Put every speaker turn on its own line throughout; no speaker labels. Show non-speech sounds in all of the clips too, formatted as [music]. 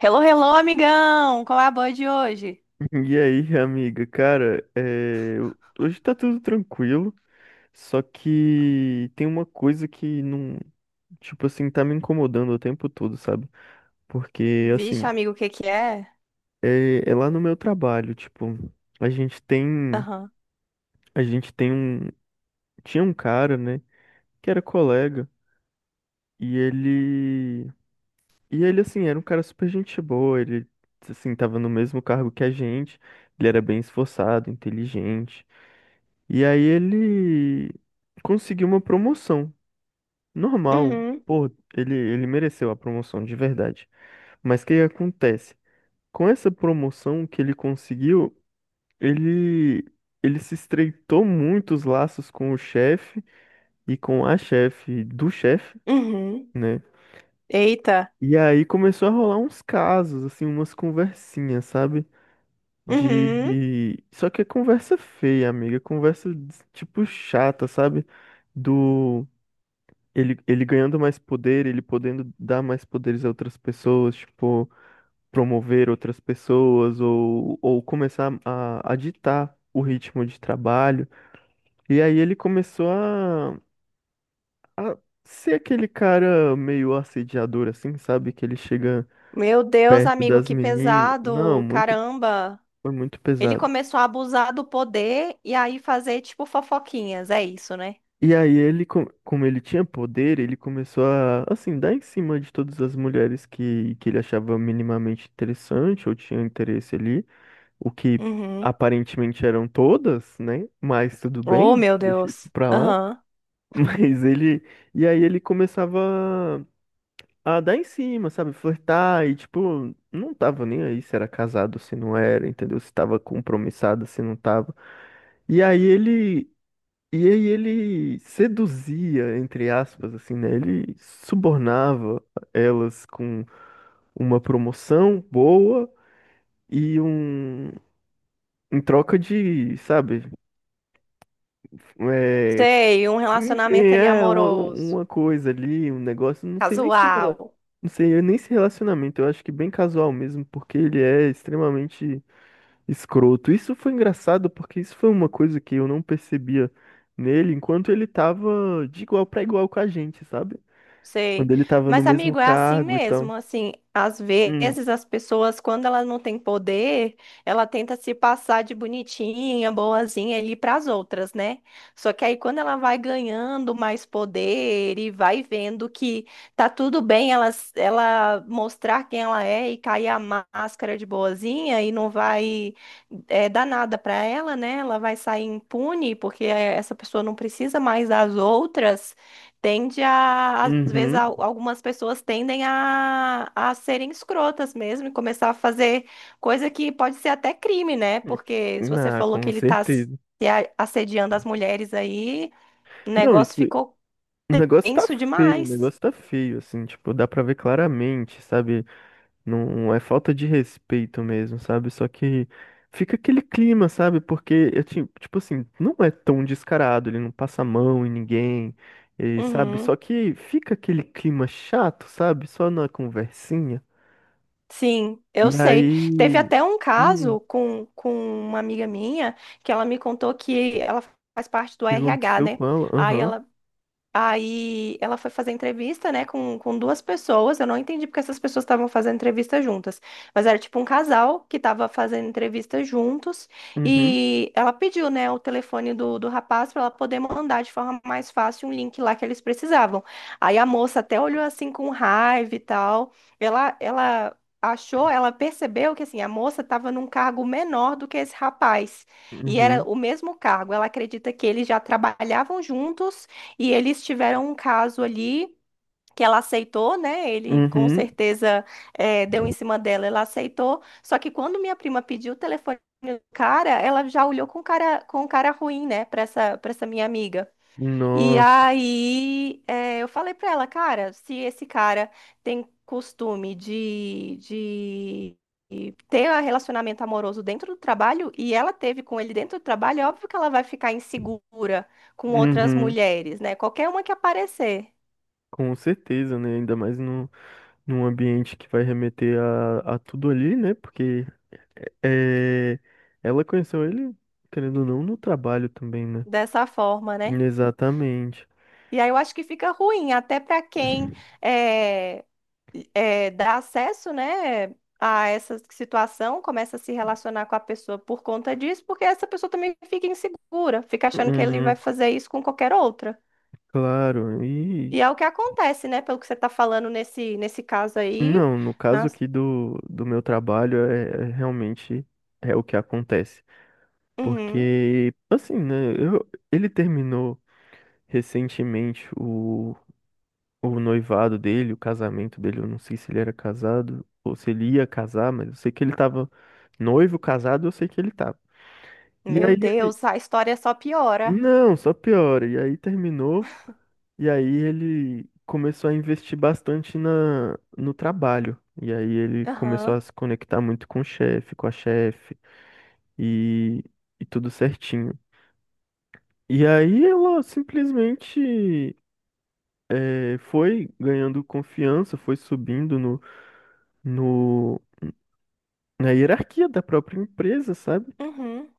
Hello, hello, amigão! Qual é a boa de hoje?
[laughs] E aí, amiga, cara, é, hoje tá tudo tranquilo, só que tem uma coisa que não, tipo assim, tá me incomodando o tempo todo, sabe? Porque, assim,
Vixe, amigo, o que que é?
é lá no meu trabalho, tipo, a gente tem,
Aham.
a gente tem um, tinha um cara, né, que era colega, e ele, e ele, assim, era um cara super gente boa, ele, assim, tava no mesmo cargo que a gente, ele era bem esforçado, inteligente. E aí ele conseguiu uma promoção. Normal.
Uhum.
Pô, ele mereceu a promoção, de verdade. Mas o que acontece? Com essa promoção que ele conseguiu, ele, ele se estreitou muito os laços com o chefe e com a chefe do chefe,
Uhum.
né?
Eita.
E aí começou a rolar uns casos, assim, umas conversinhas, sabe?
Uhum.
De. Só que é conversa feia, amiga. Conversa, tipo, chata, sabe? Do. Ele ganhando mais poder, ele podendo dar mais poderes a outras pessoas, tipo, promover outras pessoas ou começar a ditar o ritmo de trabalho. E aí ele começou a ser aquele cara meio assediador, assim, sabe? Que ele chega
Meu Deus,
perto
amigo,
das
que
meninas. Não,
pesado!
muito,
Caramba!
foi muito
Ele
pesado.
começou a abusar do poder e aí fazer, tipo, fofoquinhas. É isso, né?
E aí ele, como ele tinha poder, ele começou a, assim, dar em cima de todas as mulheres que ele achava minimamente interessante ou tinha interesse ali. O que
Uhum.
aparentemente eram todas, né? Mas tudo
Oh,
bem,
meu
deixa isso
Deus.
pra lá.
Aham.
[laughs] Mas ele. E aí ele começava a dar em cima, sabe? Flertar e, tipo, não tava nem aí se era casado, se não era, entendeu? Se tava compromissado, se não tava. E aí ele. E aí ele seduzia, entre aspas, assim, né? Ele subornava elas com uma promoção boa e um. Em troca de, sabe, é,
Sei, um
enfim,
relacionamento ali
é
amoroso,
uma coisa ali, um negócio, não sei nem se,
casual.
não sei eu nem se relacionamento, eu acho que bem casual mesmo, porque ele é extremamente escroto. Isso foi engraçado porque isso foi uma coisa que eu não percebia nele enquanto ele tava de igual pra igual com a gente, sabe? Quando
Sei.
ele tava no
Mas,
mesmo
amigo, é assim
cargo e
mesmo.
tal.
Assim, às
Hum,
vezes as pessoas, quando elas não têm poder, ela tenta se passar de bonitinha, boazinha ali para as outras, né? Só que aí, quando ela vai ganhando mais poder e vai vendo que tá tudo bem ela, s- ela mostrar quem ela é e cair a máscara de boazinha e não vai dar nada para ela, né? Ela vai sair impune, porque essa pessoa não precisa mais das outras tende a, às vezes,
uhum.
al- algumas pessoas tendem a serem escrotas mesmo e começar a fazer coisa que pode ser até crime, né? Porque se você
Ah,
falou que
com
ele tá se
certeza.
a- assediando as mulheres aí, o
Não, isso,
negócio ficou
o negócio tá
tenso
feio, o
demais.
negócio tá feio, assim, tipo, dá pra ver claramente, sabe? Não é falta de respeito mesmo, sabe? Só que fica aquele clima, sabe? Porque eu tipo assim, não é tão descarado, ele não passa a mão em ninguém, e, sabe? Só
Uhum.
que fica aquele clima chato, sabe? Só na conversinha.
Sim,
E
eu sei.
aí,
Teve até um
e o
caso com uma amiga minha que ela me contou que ela faz parte do
que
RH,
aconteceu
né?
com ela?
Aí
Aham.
ela. Aí ela foi fazer entrevista, né, com duas pessoas. Eu não entendi porque essas pessoas estavam fazendo entrevista juntas. Mas era tipo um casal que estava fazendo entrevista juntos.
Uhum.
E ela pediu, né, o telefone do rapaz para ela poder mandar de forma mais fácil um link lá que eles precisavam. Aí a moça até olhou assim com raiva e tal. Ela achou, ela percebeu que assim, a moça estava num cargo menor do que esse rapaz. E era
Uhum.
o mesmo cargo. Ela acredita que eles já trabalhavam juntos e eles tiveram um caso ali que ela aceitou, né? Ele com
Uhum.
certeza deu em cima dela, ela aceitou. Só que quando minha prima pediu o telefone do cara, ela já olhou com cara ruim, né, para essa minha amiga. E
Nossa.
aí, eu falei pra ela, cara, se esse cara tem costume de, de ter um relacionamento amoroso dentro do trabalho e ela teve com ele dentro do trabalho, é óbvio que ela vai ficar insegura com outras
Uhum.
mulheres, né? Qualquer uma que aparecer
Com certeza, né? Ainda mais no, num ambiente que vai remeter a tudo ali, né? Porque é, ela conheceu ele, querendo ou não, no trabalho também, né?
dessa forma, né?
Exatamente.
E aí eu acho que fica ruim até pra quem é, dá acesso, né, a essa situação, começa a se relacionar com a pessoa por conta disso, porque essa pessoa também fica insegura, fica achando que ele vai
Uhum,
fazer isso com qualquer outra.
claro. E
E é o que acontece, né, pelo que você está falando nesse, nesse caso aí.
não, no caso
Nas...
aqui do meu trabalho, é, realmente é o que acontece.
Uhum.
Porque, assim, né? Ele terminou recentemente o noivado dele, o casamento dele. Eu não sei se ele era casado ou se ele ia casar, mas eu sei que ele tava noivo, casado, eu sei que ele tava. E
Meu
aí
Deus, a história só piora.
não, só piora. E aí terminou, e aí ele começou a investir bastante no trabalho. E aí ele começou a
Aham.
se conectar muito com o chefe, com a chefe, e, e tudo certinho. E aí ela simplesmente foi ganhando confiança, foi subindo no, no, na hierarquia da própria empresa, sabe?
Uhum.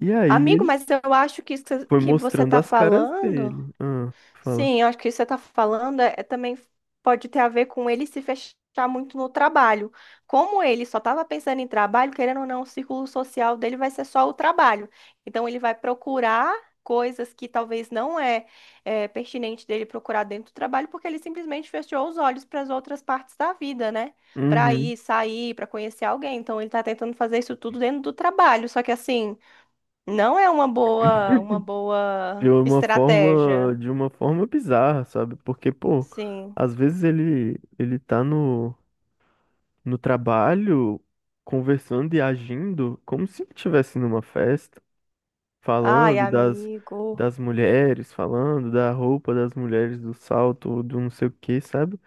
E aí
Amigo,
ele
mas eu acho que isso
foi
que você
mostrando
está
as caras
falando.
dele. Ah, fala.
Sim, eu acho que isso que você está falando é também pode ter a ver com ele se fechar muito no trabalho. Como ele só estava pensando em trabalho, querendo ou não, o círculo social dele vai ser só o trabalho. Então ele vai procurar coisas que talvez não é, é pertinente dele procurar dentro do trabalho, porque ele simplesmente fechou os olhos para as outras partes da vida, né? Para
Uhum.
ir, sair, para conhecer alguém. Então ele está tentando fazer isso tudo dentro do trabalho. Só que assim, não é uma
De
boa
uma forma,
estratégia.
de uma forma bizarra, sabe? Porque, pô,
Sim.
às vezes ele tá no trabalho conversando e agindo como se ele estivesse numa festa,
Ai,
falando das
amigo.
das mulheres, falando da roupa das mulheres, do salto, do não sei o quê, sabe?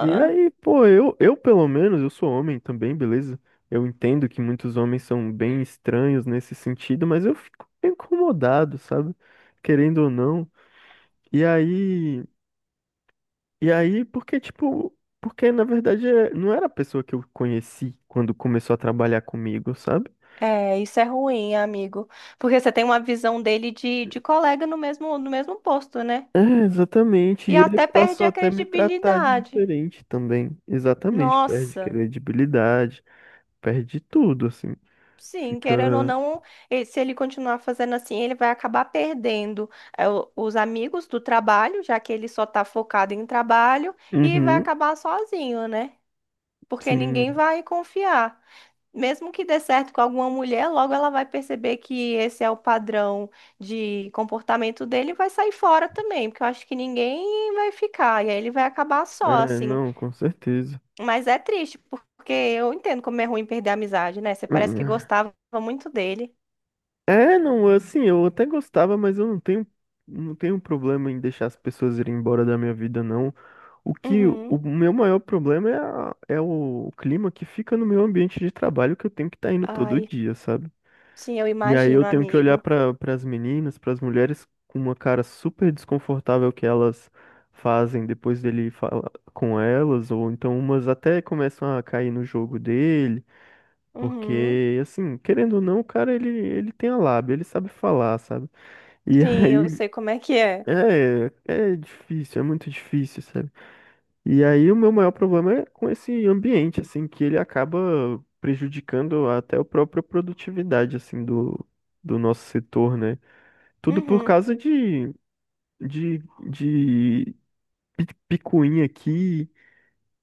E aí, pô, eu pelo menos, eu sou homem também, beleza? Eu entendo que muitos homens são bem estranhos nesse sentido, mas eu fico incomodado, sabe? Querendo ou não, e aí, e aí, porque tipo, porque na verdade não era a pessoa que eu conheci quando começou a trabalhar comigo, sabe?
É, isso é ruim, amigo. Porque você tem uma visão dele de colega no mesmo, no mesmo posto, né?
É, exatamente.
E
E ele
até perde
passou
a
até a me tratar de
credibilidade.
diferente também. Exatamente, perde
Nossa.
credibilidade, perde tudo, assim.
Sim, querendo ou
Fica.
não, e- se ele continuar fazendo assim, ele vai acabar perdendo o- os amigos do trabalho, já que ele só tá focado em trabalho, e vai
Uhum,
acabar sozinho, né? Porque ninguém
sim.
vai confiar. Mesmo que dê certo com alguma mulher, logo ela vai perceber que esse é o padrão de comportamento dele e vai sair fora também, porque eu acho que ninguém vai ficar, e aí ele vai acabar só,
É,
assim.
não, com certeza.
Mas é triste, porque eu entendo como é ruim perder a amizade, né? Você parece que
Hum,
gostava muito dele.
É, não, assim, eu até gostava, mas eu não tenho problema em deixar as pessoas irem embora da minha vida, não. O que, o
Uhum.
meu maior problema é, é o clima que fica no meu ambiente de trabalho que eu tenho que estar indo todo
Ai,
dia, sabe?
sim, eu
E aí eu
imagino,
tenho que olhar
amigo.
para as meninas, para as mulheres com uma cara super desconfortável que elas fazem depois dele falar com elas, ou então umas até começam a cair no jogo dele.
Uhum.
Porque, assim, querendo ou não, o cara, ele tem a lábia, ele sabe falar, sabe? E [laughs]
Sim, eu
aí,
sei como é que é.
é difícil, é muito difícil, sabe? E aí, o meu maior problema é com esse ambiente, assim, que ele acaba prejudicando até a própria produtividade, assim, do nosso setor, né? Tudo por
Uhum.
causa de, de picuinha aqui,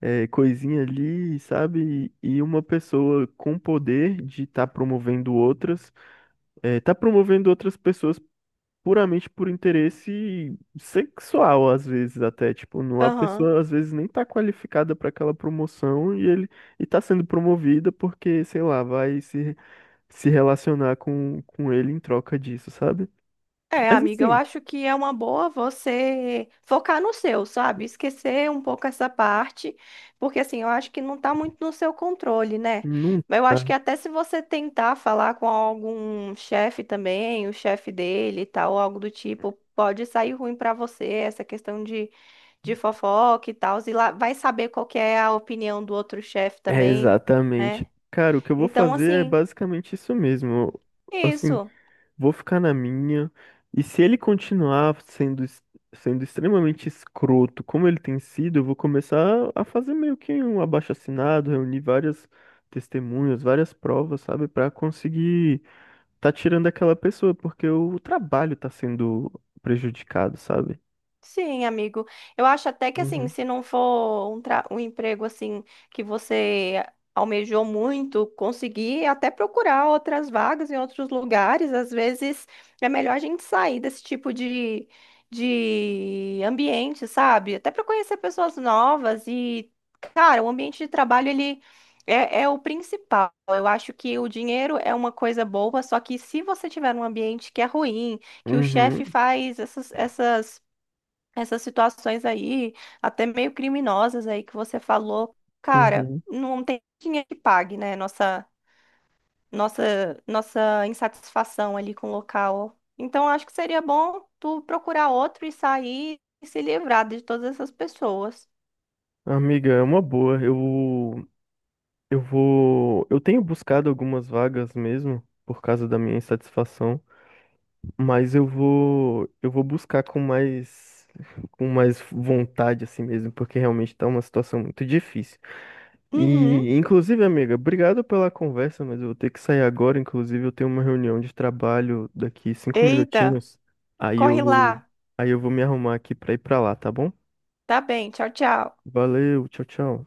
é, coisinha ali, sabe? E uma pessoa com poder de estar promovendo outras é, tá promovendo outras pessoas puramente por interesse sexual, às vezes até, tipo, não, a
Aham.
pessoa às vezes nem tá qualificada para aquela promoção e ele e tá sendo promovida porque, sei lá, vai se relacionar com ele em troca disso, sabe?
É,
Mas
amiga, eu
assim,
acho que é uma boa você focar no seu, sabe? Esquecer um pouco essa parte, porque assim, eu acho que não tá muito no seu controle, né?
não
Eu acho
tá.
que até se você tentar falar com algum chefe também, o chefe dele e tal, algo do tipo, pode sair ruim pra você essa questão de fofoca e tal, e lá vai saber qual que é a opinião do outro chefe
É
também, né?
exatamente. Cara, o que eu vou
Então,
fazer é
assim,
basicamente isso mesmo. Assim,
isso.
vou ficar na minha. E se ele continuar sendo, sendo extremamente escroto, como ele tem sido, eu vou começar a fazer meio que um abaixo-assinado, reunir várias testemunhas, várias provas, sabe, pra conseguir tá tirando aquela pessoa, porque o trabalho tá sendo prejudicado, sabe?
Sim, amigo. Eu acho até que assim,
Uhum,
se não for um, tra- um emprego assim que você almejou muito, conseguir até procurar outras vagas em outros lugares, às vezes é melhor a gente sair desse tipo de ambiente, sabe? Até para conhecer pessoas novas e, cara, o ambiente de trabalho ele é o principal. Eu acho que o dinheiro é uma coisa boa, só que se você tiver um ambiente que é ruim, que o chefe
uhum,
faz essas essas situações aí, até meio criminosas aí que você falou, cara,
uhum.
não tem dinheiro que pague, né? Nossa insatisfação ali com o local. Então, acho que seria bom tu procurar outro e sair e se livrar de todas essas pessoas.
Amiga, é uma boa. Eu tenho buscado algumas vagas mesmo por causa da minha insatisfação. Mas eu vou buscar com mais vontade assim mesmo, porque realmente tá uma situação muito difícil.
Uhum.
E, inclusive, amiga, obrigado pela conversa, mas eu vou ter que sair agora. Inclusive, eu tenho uma reunião de trabalho daqui 5
Eita,
minutinhos. Aí
corre
eu,
lá.
aí eu vou me arrumar aqui pra ir pra lá, tá bom?
Tá bem, tchau, tchau.
Valeu, tchau, tchau.